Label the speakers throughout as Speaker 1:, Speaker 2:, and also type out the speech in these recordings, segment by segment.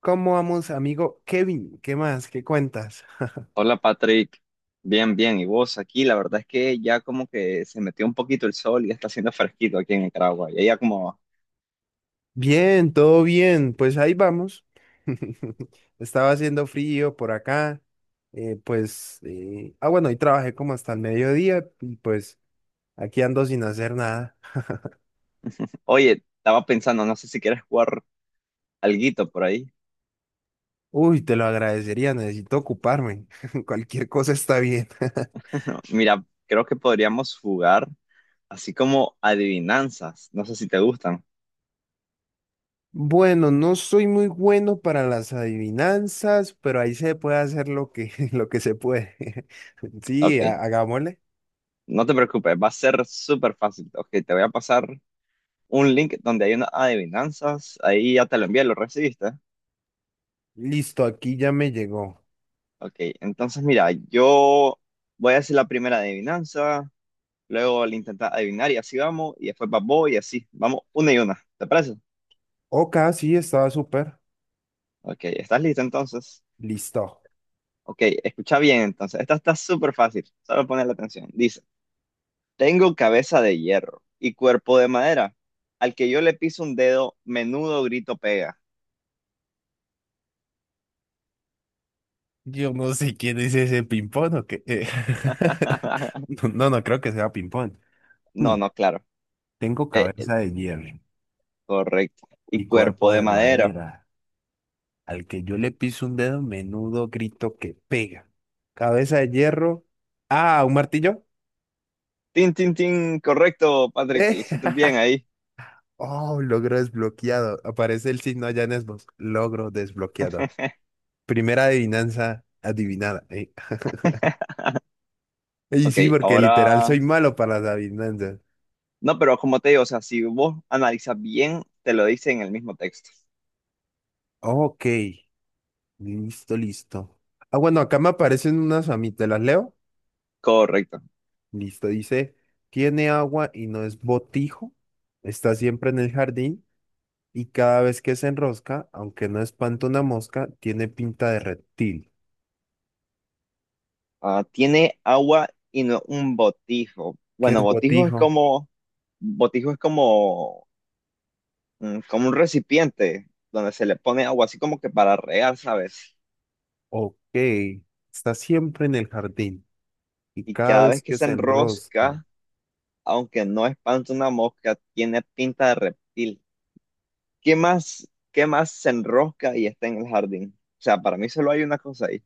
Speaker 1: ¿Cómo vamos, amigo Kevin? ¿Qué más? ¿Qué cuentas?
Speaker 2: Hola Patrick, bien, bien, ¿y vos aquí? La verdad es que ya como que se metió un poquito el sol y ya está haciendo fresquito aquí en Nicaragua. Y ella como,
Speaker 1: Bien, todo bien. Pues ahí vamos. Estaba haciendo frío por acá. Bueno, hoy trabajé como hasta el mediodía y pues aquí ando sin hacer nada.
Speaker 2: oye, estaba pensando, no sé si quieres jugar alguito por ahí.
Speaker 1: Uy, te lo agradecería, necesito ocuparme. Cualquier cosa está bien.
Speaker 2: Mira, creo que podríamos jugar así como adivinanzas, no sé si te gustan.
Speaker 1: Bueno, no soy muy bueno para las adivinanzas, pero ahí se puede hacer lo que se puede. Sí,
Speaker 2: Ok,
Speaker 1: hagámosle.
Speaker 2: no te preocupes, va a ser súper fácil. Ok, te voy a pasar un link donde hay unas adivinanzas, ahí ya te lo envié, lo recibiste.
Speaker 1: Listo, aquí ya me llegó.
Speaker 2: Ok, entonces mira, yo voy a hacer la primera adivinanza. Luego le intentas adivinar y así vamos. Y después vas vos y así. Vamos una y una. ¿Te parece?
Speaker 1: Ok, sí, estaba súper.
Speaker 2: Ok, ¿estás listo entonces?
Speaker 1: Listo.
Speaker 2: Ok, escucha bien entonces. Esta está súper fácil. Solo poner la atención. Dice, tengo cabeza de hierro y cuerpo de madera. Al que yo le piso un dedo, menudo grito pega.
Speaker 1: Yo no sé quién es ese ping-pong o qué. No, no creo que sea ping-pong.
Speaker 2: No,
Speaker 1: Hmm.
Speaker 2: no, claro.
Speaker 1: Tengo
Speaker 2: Eh, eh,
Speaker 1: cabeza de hierro
Speaker 2: Correcto. Y
Speaker 1: y
Speaker 2: cuerpo
Speaker 1: cuerpo
Speaker 2: de
Speaker 1: de
Speaker 2: madera.
Speaker 1: madera. Al que yo le piso un dedo, menudo grito que pega. Cabeza de hierro. Ah, ¿un martillo?
Speaker 2: Tin, tin, tin. Correcto, Patrick.
Speaker 1: Eh,
Speaker 2: Le hiciste bien ahí.
Speaker 1: Oh, logro desbloqueado. Aparece el signo allá en Xbox. Logro desbloqueado. Primera adivinanza adivinada. Y
Speaker 2: Ok,
Speaker 1: sí, porque literal
Speaker 2: ahora
Speaker 1: soy malo para las adivinanzas.
Speaker 2: no, pero como te digo, o sea, si vos analizas bien, te lo dice en el mismo texto.
Speaker 1: Ok, listo. Ah, bueno, acá me aparecen unas a mí, ¿te las leo?
Speaker 2: Correcto.
Speaker 1: Listo, dice, tiene agua y no es botijo, está siempre en el jardín y cada vez que se enrosca, aunque no espanta una mosca, tiene pinta de reptil.
Speaker 2: Ah, tiene agua y no un botijo.
Speaker 1: ¿Qué
Speaker 2: Bueno,
Speaker 1: es botijo?
Speaker 2: botijo es como, como un recipiente donde se le pone agua, así como que para regar, ¿sabes?
Speaker 1: Ok, está siempre en el jardín y
Speaker 2: Y
Speaker 1: cada
Speaker 2: cada
Speaker 1: vez
Speaker 2: vez que
Speaker 1: que
Speaker 2: se
Speaker 1: se enrosca.
Speaker 2: enrosca, aunque no espanta una mosca, tiene pinta de reptil. Qué más se enrosca y está en el jardín? O sea, para mí solo hay una cosa ahí.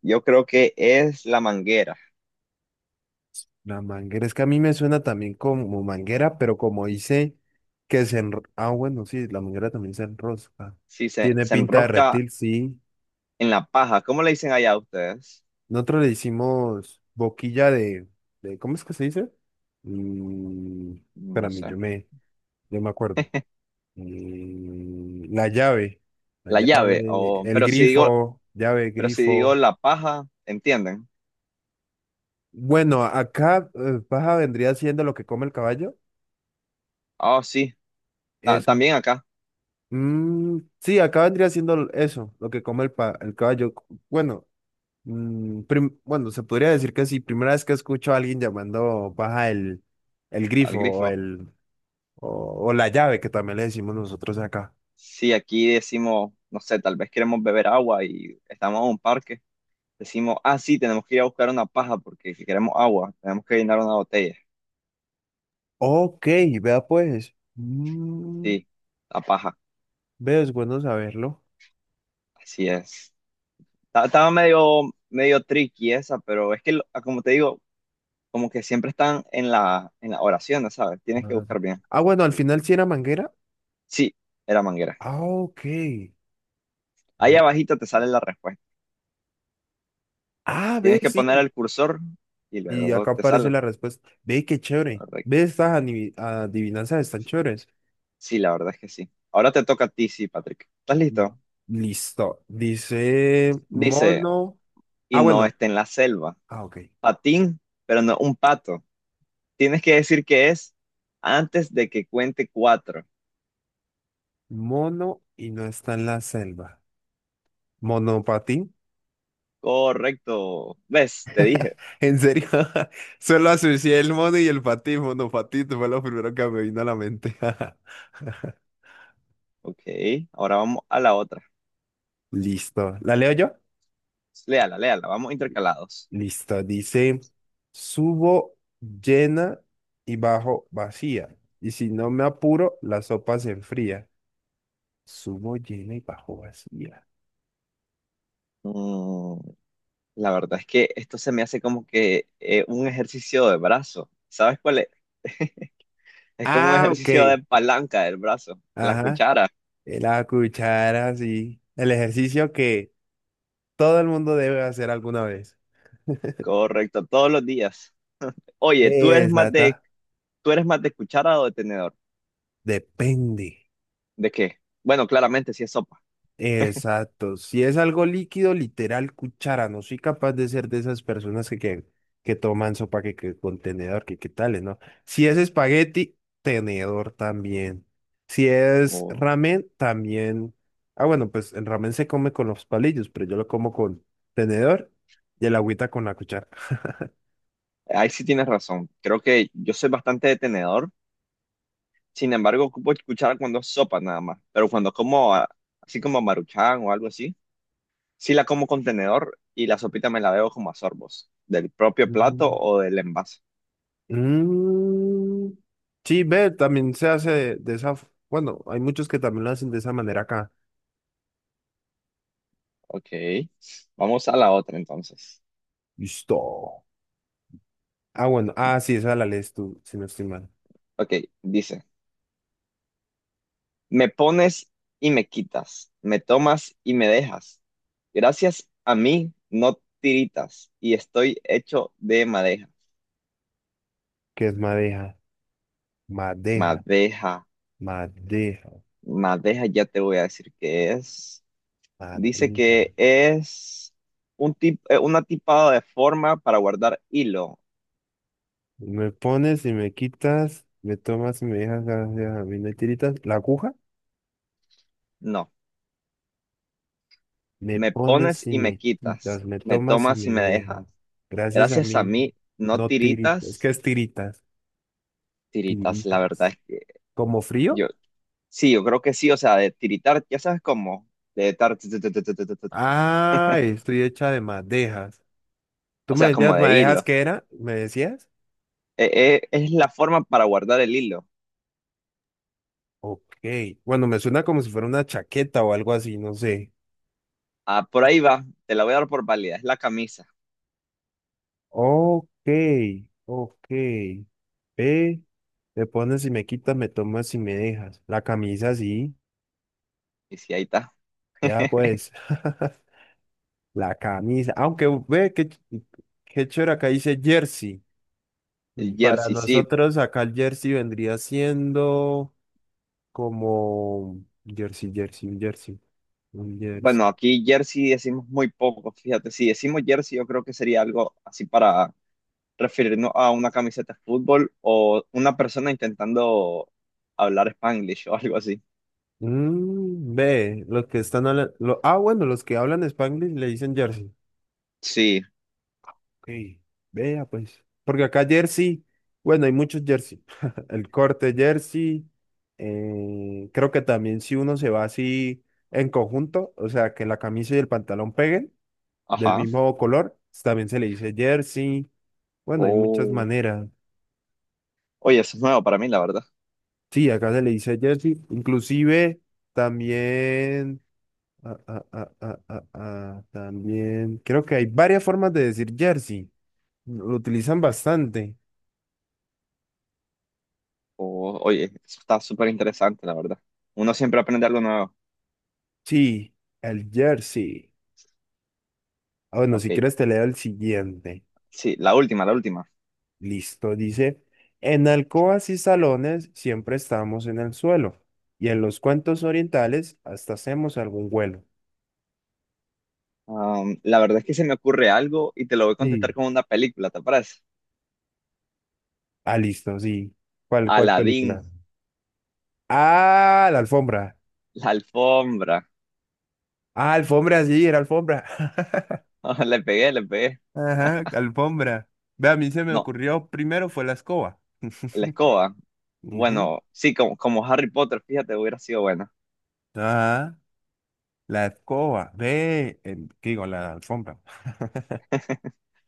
Speaker 2: Yo creo que es la manguera.
Speaker 1: La manguera, es que a mí me suena también como manguera, pero como dice Ah, bueno, sí, la manguera también se enrosca.
Speaker 2: Sí, se,
Speaker 1: Tiene
Speaker 2: se
Speaker 1: pinta de
Speaker 2: enrosca
Speaker 1: reptil, sí.
Speaker 2: en la paja. ¿Cómo le dicen allá a ustedes?
Speaker 1: Nosotros le hicimos ¿cómo es que se dice? Mm,
Speaker 2: No
Speaker 1: espérame,
Speaker 2: sé.
Speaker 1: yo me acuerdo. Mm, la
Speaker 2: La llave.
Speaker 1: llave,
Speaker 2: O,
Speaker 1: el grifo, llave,
Speaker 2: pero si digo
Speaker 1: grifo.
Speaker 2: la paja, ¿entienden?
Speaker 1: Bueno, acá paja vendría siendo lo que come el caballo,
Speaker 2: Ah sí. Ta-
Speaker 1: eso.
Speaker 2: también acá,
Speaker 1: Mm, sí, acá vendría siendo eso, lo que come el caballo. Bueno, bueno, se podría decir que sí, primera vez que escucho a alguien llamando baja el
Speaker 2: al
Speaker 1: grifo
Speaker 2: grifo.
Speaker 1: o la llave, que también le decimos nosotros acá.
Speaker 2: Sí, aquí decimos, no sé, tal vez queremos beber agua y estamos en un parque. Decimos, ah, sí, tenemos que ir a buscar una paja porque si queremos agua, tenemos que llenar una botella.
Speaker 1: Ok, vea pues. Mm,
Speaker 2: Sí, la paja.
Speaker 1: veo, es bueno saberlo.
Speaker 2: Así es. Ta- estaba medio, medio tricky esa, pero es que, lo- como te digo, como que siempre están en la oración, ¿no ¿sabes? Tienes
Speaker 1: La
Speaker 2: que
Speaker 1: verdad.
Speaker 2: buscar bien.
Speaker 1: Ah, bueno, al final sí era manguera.
Speaker 2: Sí, era manguera.
Speaker 1: Ah, ok.
Speaker 2: Ahí
Speaker 1: Mm.
Speaker 2: abajito te sale la respuesta.
Speaker 1: Ah, ve,
Speaker 2: Tienes que poner
Speaker 1: sí.
Speaker 2: el cursor y
Speaker 1: Y
Speaker 2: luego
Speaker 1: acá
Speaker 2: te
Speaker 1: aparece
Speaker 2: sale.
Speaker 1: la respuesta. Ve, qué chévere. Ve,
Speaker 2: Correcto.
Speaker 1: estas adivinanzas están chéveres.
Speaker 2: Sí, la verdad es que sí. Ahora te toca a ti, sí, Patrick. ¿Estás listo?
Speaker 1: Listo. Dice
Speaker 2: Dice,
Speaker 1: mono.
Speaker 2: y
Speaker 1: Ah,
Speaker 2: no
Speaker 1: bueno.
Speaker 2: esté en la selva.
Speaker 1: Ah, ok.
Speaker 2: Patín, pero no un pato. Tienes que decir que es antes de que cuente cuatro.
Speaker 1: Mono y no está en la selva. Monopatín.
Speaker 2: Correcto. ¿Ves? Te dije.
Speaker 1: ¿En serio? Solo asocié el mono y el patín. Monopatín fue lo primero que me vino a la mente.
Speaker 2: Ok, ahora vamos a la otra.
Speaker 1: Listo. ¿La leo yo?
Speaker 2: Léala, léala. Vamos intercalados.
Speaker 1: Listo. Dice, subo llena y bajo vacía. Y si no me apuro, la sopa se enfría. Subo llena y bajo vacía.
Speaker 2: Mm. La verdad es que esto se me hace como que un ejercicio de brazo. ¿Sabes cuál es? Es como un
Speaker 1: Ah,
Speaker 2: ejercicio
Speaker 1: ok.
Speaker 2: de palanca del brazo, la
Speaker 1: Ajá,
Speaker 2: cuchara.
Speaker 1: la cuchara, sí. El ejercicio que todo el mundo debe hacer alguna vez.
Speaker 2: Correcto, todos los días. Oye,
Speaker 1: Exacta.
Speaker 2: ¿tú eres más de cuchara o de tenedor?
Speaker 1: Depende.
Speaker 2: ¿De qué? Bueno, claramente sí es sopa.
Speaker 1: Exacto. Si es algo líquido, literal, cuchara. No soy capaz de ser de esas personas que toman sopa, que contenedor, que qué tales, ¿no? Si es espagueti, tenedor también. Si es
Speaker 2: O-
Speaker 1: ramen, también. Ah, bueno, pues el ramen se come con los palillos, pero yo lo como con tenedor y el agüita con la cuchara.
Speaker 2: ahí sí tienes razón. Creo que yo soy bastante de tenedor. Sin embargo, ocupo cuchara cuando es sopa nada más. Pero cuando como así como maruchan o algo así, sí la como con tenedor y la sopita me la bebo como a sorbos, del propio plato o del envase.
Speaker 1: Mm, sí, ve, también se hace de esa, bueno, hay muchos que también lo hacen de esa manera acá.
Speaker 2: Ok, vamos a la otra entonces.
Speaker 1: Listo. Ah, bueno, ah, sí, esa la lees tú, si no estoy mal.
Speaker 2: Ok, dice, me pones y me quitas, me tomas y me dejas. Gracias a mí no tiritas y estoy hecho de madeja.
Speaker 1: ¿Qué es madeja, madeja,
Speaker 2: Madeja,
Speaker 1: madeja,
Speaker 2: madeja, ya te voy a decir qué es. Dice
Speaker 1: madeja?
Speaker 2: que es un tip, una tipada de forma para guardar hilo.
Speaker 1: Me pones y me quitas, me tomas y me dejas, gracias a mí no hay tiritas. La aguja,
Speaker 2: No,
Speaker 1: me
Speaker 2: me pones
Speaker 1: pones y
Speaker 2: y me
Speaker 1: me
Speaker 2: quitas,
Speaker 1: quitas, me
Speaker 2: me
Speaker 1: tomas y
Speaker 2: tomas
Speaker 1: me
Speaker 2: y me dejas.
Speaker 1: dejas, gracias a
Speaker 2: Gracias a
Speaker 1: mí,
Speaker 2: mí no
Speaker 1: no tiritas, es
Speaker 2: tiritas.
Speaker 1: que es tiritas,
Speaker 2: Tiritas, la verdad
Speaker 1: tiritas. ¿Como frío?
Speaker 2: yo, sí, yo creo que sí, o sea, de tiritar, ya sabes cómo, de tar, tu,
Speaker 1: Ah, estoy hecha de madejas. ¿Tú
Speaker 2: o
Speaker 1: me
Speaker 2: sea, como
Speaker 1: decías
Speaker 2: de
Speaker 1: madejas
Speaker 2: hilo.
Speaker 1: qué era? ¿Me decías?
Speaker 2: Eh, es la forma para guardar el hilo.
Speaker 1: Ok. Bueno, me suena como si fuera una chaqueta o algo así, no sé.
Speaker 2: Ah, por ahí va, te la voy a dar por válida, es la camisa.
Speaker 1: Ok, ok. Ve, me pones y me quitas, me tomas y me dejas. La camisa sí.
Speaker 2: Y sí, ahí está,
Speaker 1: Vea pues. La camisa. Aunque ve que qué chévere acá dice jersey.
Speaker 2: el
Speaker 1: Mm, para
Speaker 2: jersey, sí.
Speaker 1: nosotros acá el jersey vendría siendo como un jersey. Un
Speaker 2: Bueno,
Speaker 1: jersey.
Speaker 2: aquí jersey decimos muy poco, fíjate, si decimos jersey, yo creo que sería algo así para referirnos a una camiseta de fútbol o una persona intentando hablar Spanglish o algo así.
Speaker 1: Mm, ve, los que están hablando. Ah, bueno, los que hablan Spanglish le dicen jersey.
Speaker 2: Sí,
Speaker 1: Ok, vea pues. Porque acá jersey, bueno, hay muchos jersey. El corte jersey. Creo que también si uno se va así en conjunto, o sea, que la camisa y el pantalón peguen del
Speaker 2: ajá.
Speaker 1: mismo color, también se le dice jersey. Bueno, hay muchas
Speaker 2: Oh.
Speaker 1: maneras.
Speaker 2: Oye, eso es nuevo para mí, la verdad.
Speaker 1: Sí, acá se le dice jersey. Inclusive también. También creo que hay varias formas de decir jersey. Lo utilizan bastante.
Speaker 2: Oh, oye, eso está súper interesante, la verdad. Uno siempre aprende algo nuevo.
Speaker 1: Sí, el jersey. Ah, bueno,
Speaker 2: Ok,
Speaker 1: si quieres te leo el siguiente.
Speaker 2: sí, la última, la última.
Speaker 1: Listo, dice, en alcobas y salones siempre estamos en el suelo y en los cuentos orientales hasta hacemos algún vuelo.
Speaker 2: Am, la verdad es que se me ocurre algo y te lo voy a contestar
Speaker 1: Sí.
Speaker 2: con una película, ¿te parece?
Speaker 1: Ah, listo, sí. ¿Cuál, cuál
Speaker 2: Aladdin,
Speaker 1: película? Ah, la alfombra.
Speaker 2: la alfombra.
Speaker 1: Ah, alfombra, sí, era alfombra.
Speaker 2: Le pegué, le pegué.
Speaker 1: Ajá, alfombra. Ve, a mí se me
Speaker 2: No,
Speaker 1: ocurrió primero fue la escoba.
Speaker 2: la escoba.
Speaker 1: Ujú.
Speaker 2: Bueno, sí, como, como Harry Potter, fíjate, hubiera sido buena.
Speaker 1: Ajá, la escoba. Ve, ¿qué digo? La alfombra.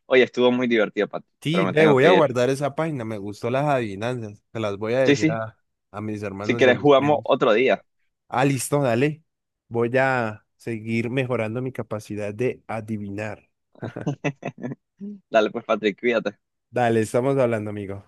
Speaker 2: Oye, estuvo muy divertido, Patrick, pero
Speaker 1: Sí,
Speaker 2: me
Speaker 1: ve,
Speaker 2: tengo
Speaker 1: voy
Speaker 2: que
Speaker 1: a
Speaker 2: ir.
Speaker 1: guardar esa página. Me gustó las adivinanzas. Se las voy a
Speaker 2: Sí,
Speaker 1: decir
Speaker 2: sí,
Speaker 1: a mis
Speaker 2: si
Speaker 1: hermanos y a
Speaker 2: quieres
Speaker 1: mis
Speaker 2: jugamos
Speaker 1: primos.
Speaker 2: otro día.
Speaker 1: Ah, listo, dale. Voy a seguir mejorando mi capacidad de adivinar.
Speaker 2: Dale, pues, Patrick, cuídate.
Speaker 1: Dale, estamos hablando, amigo.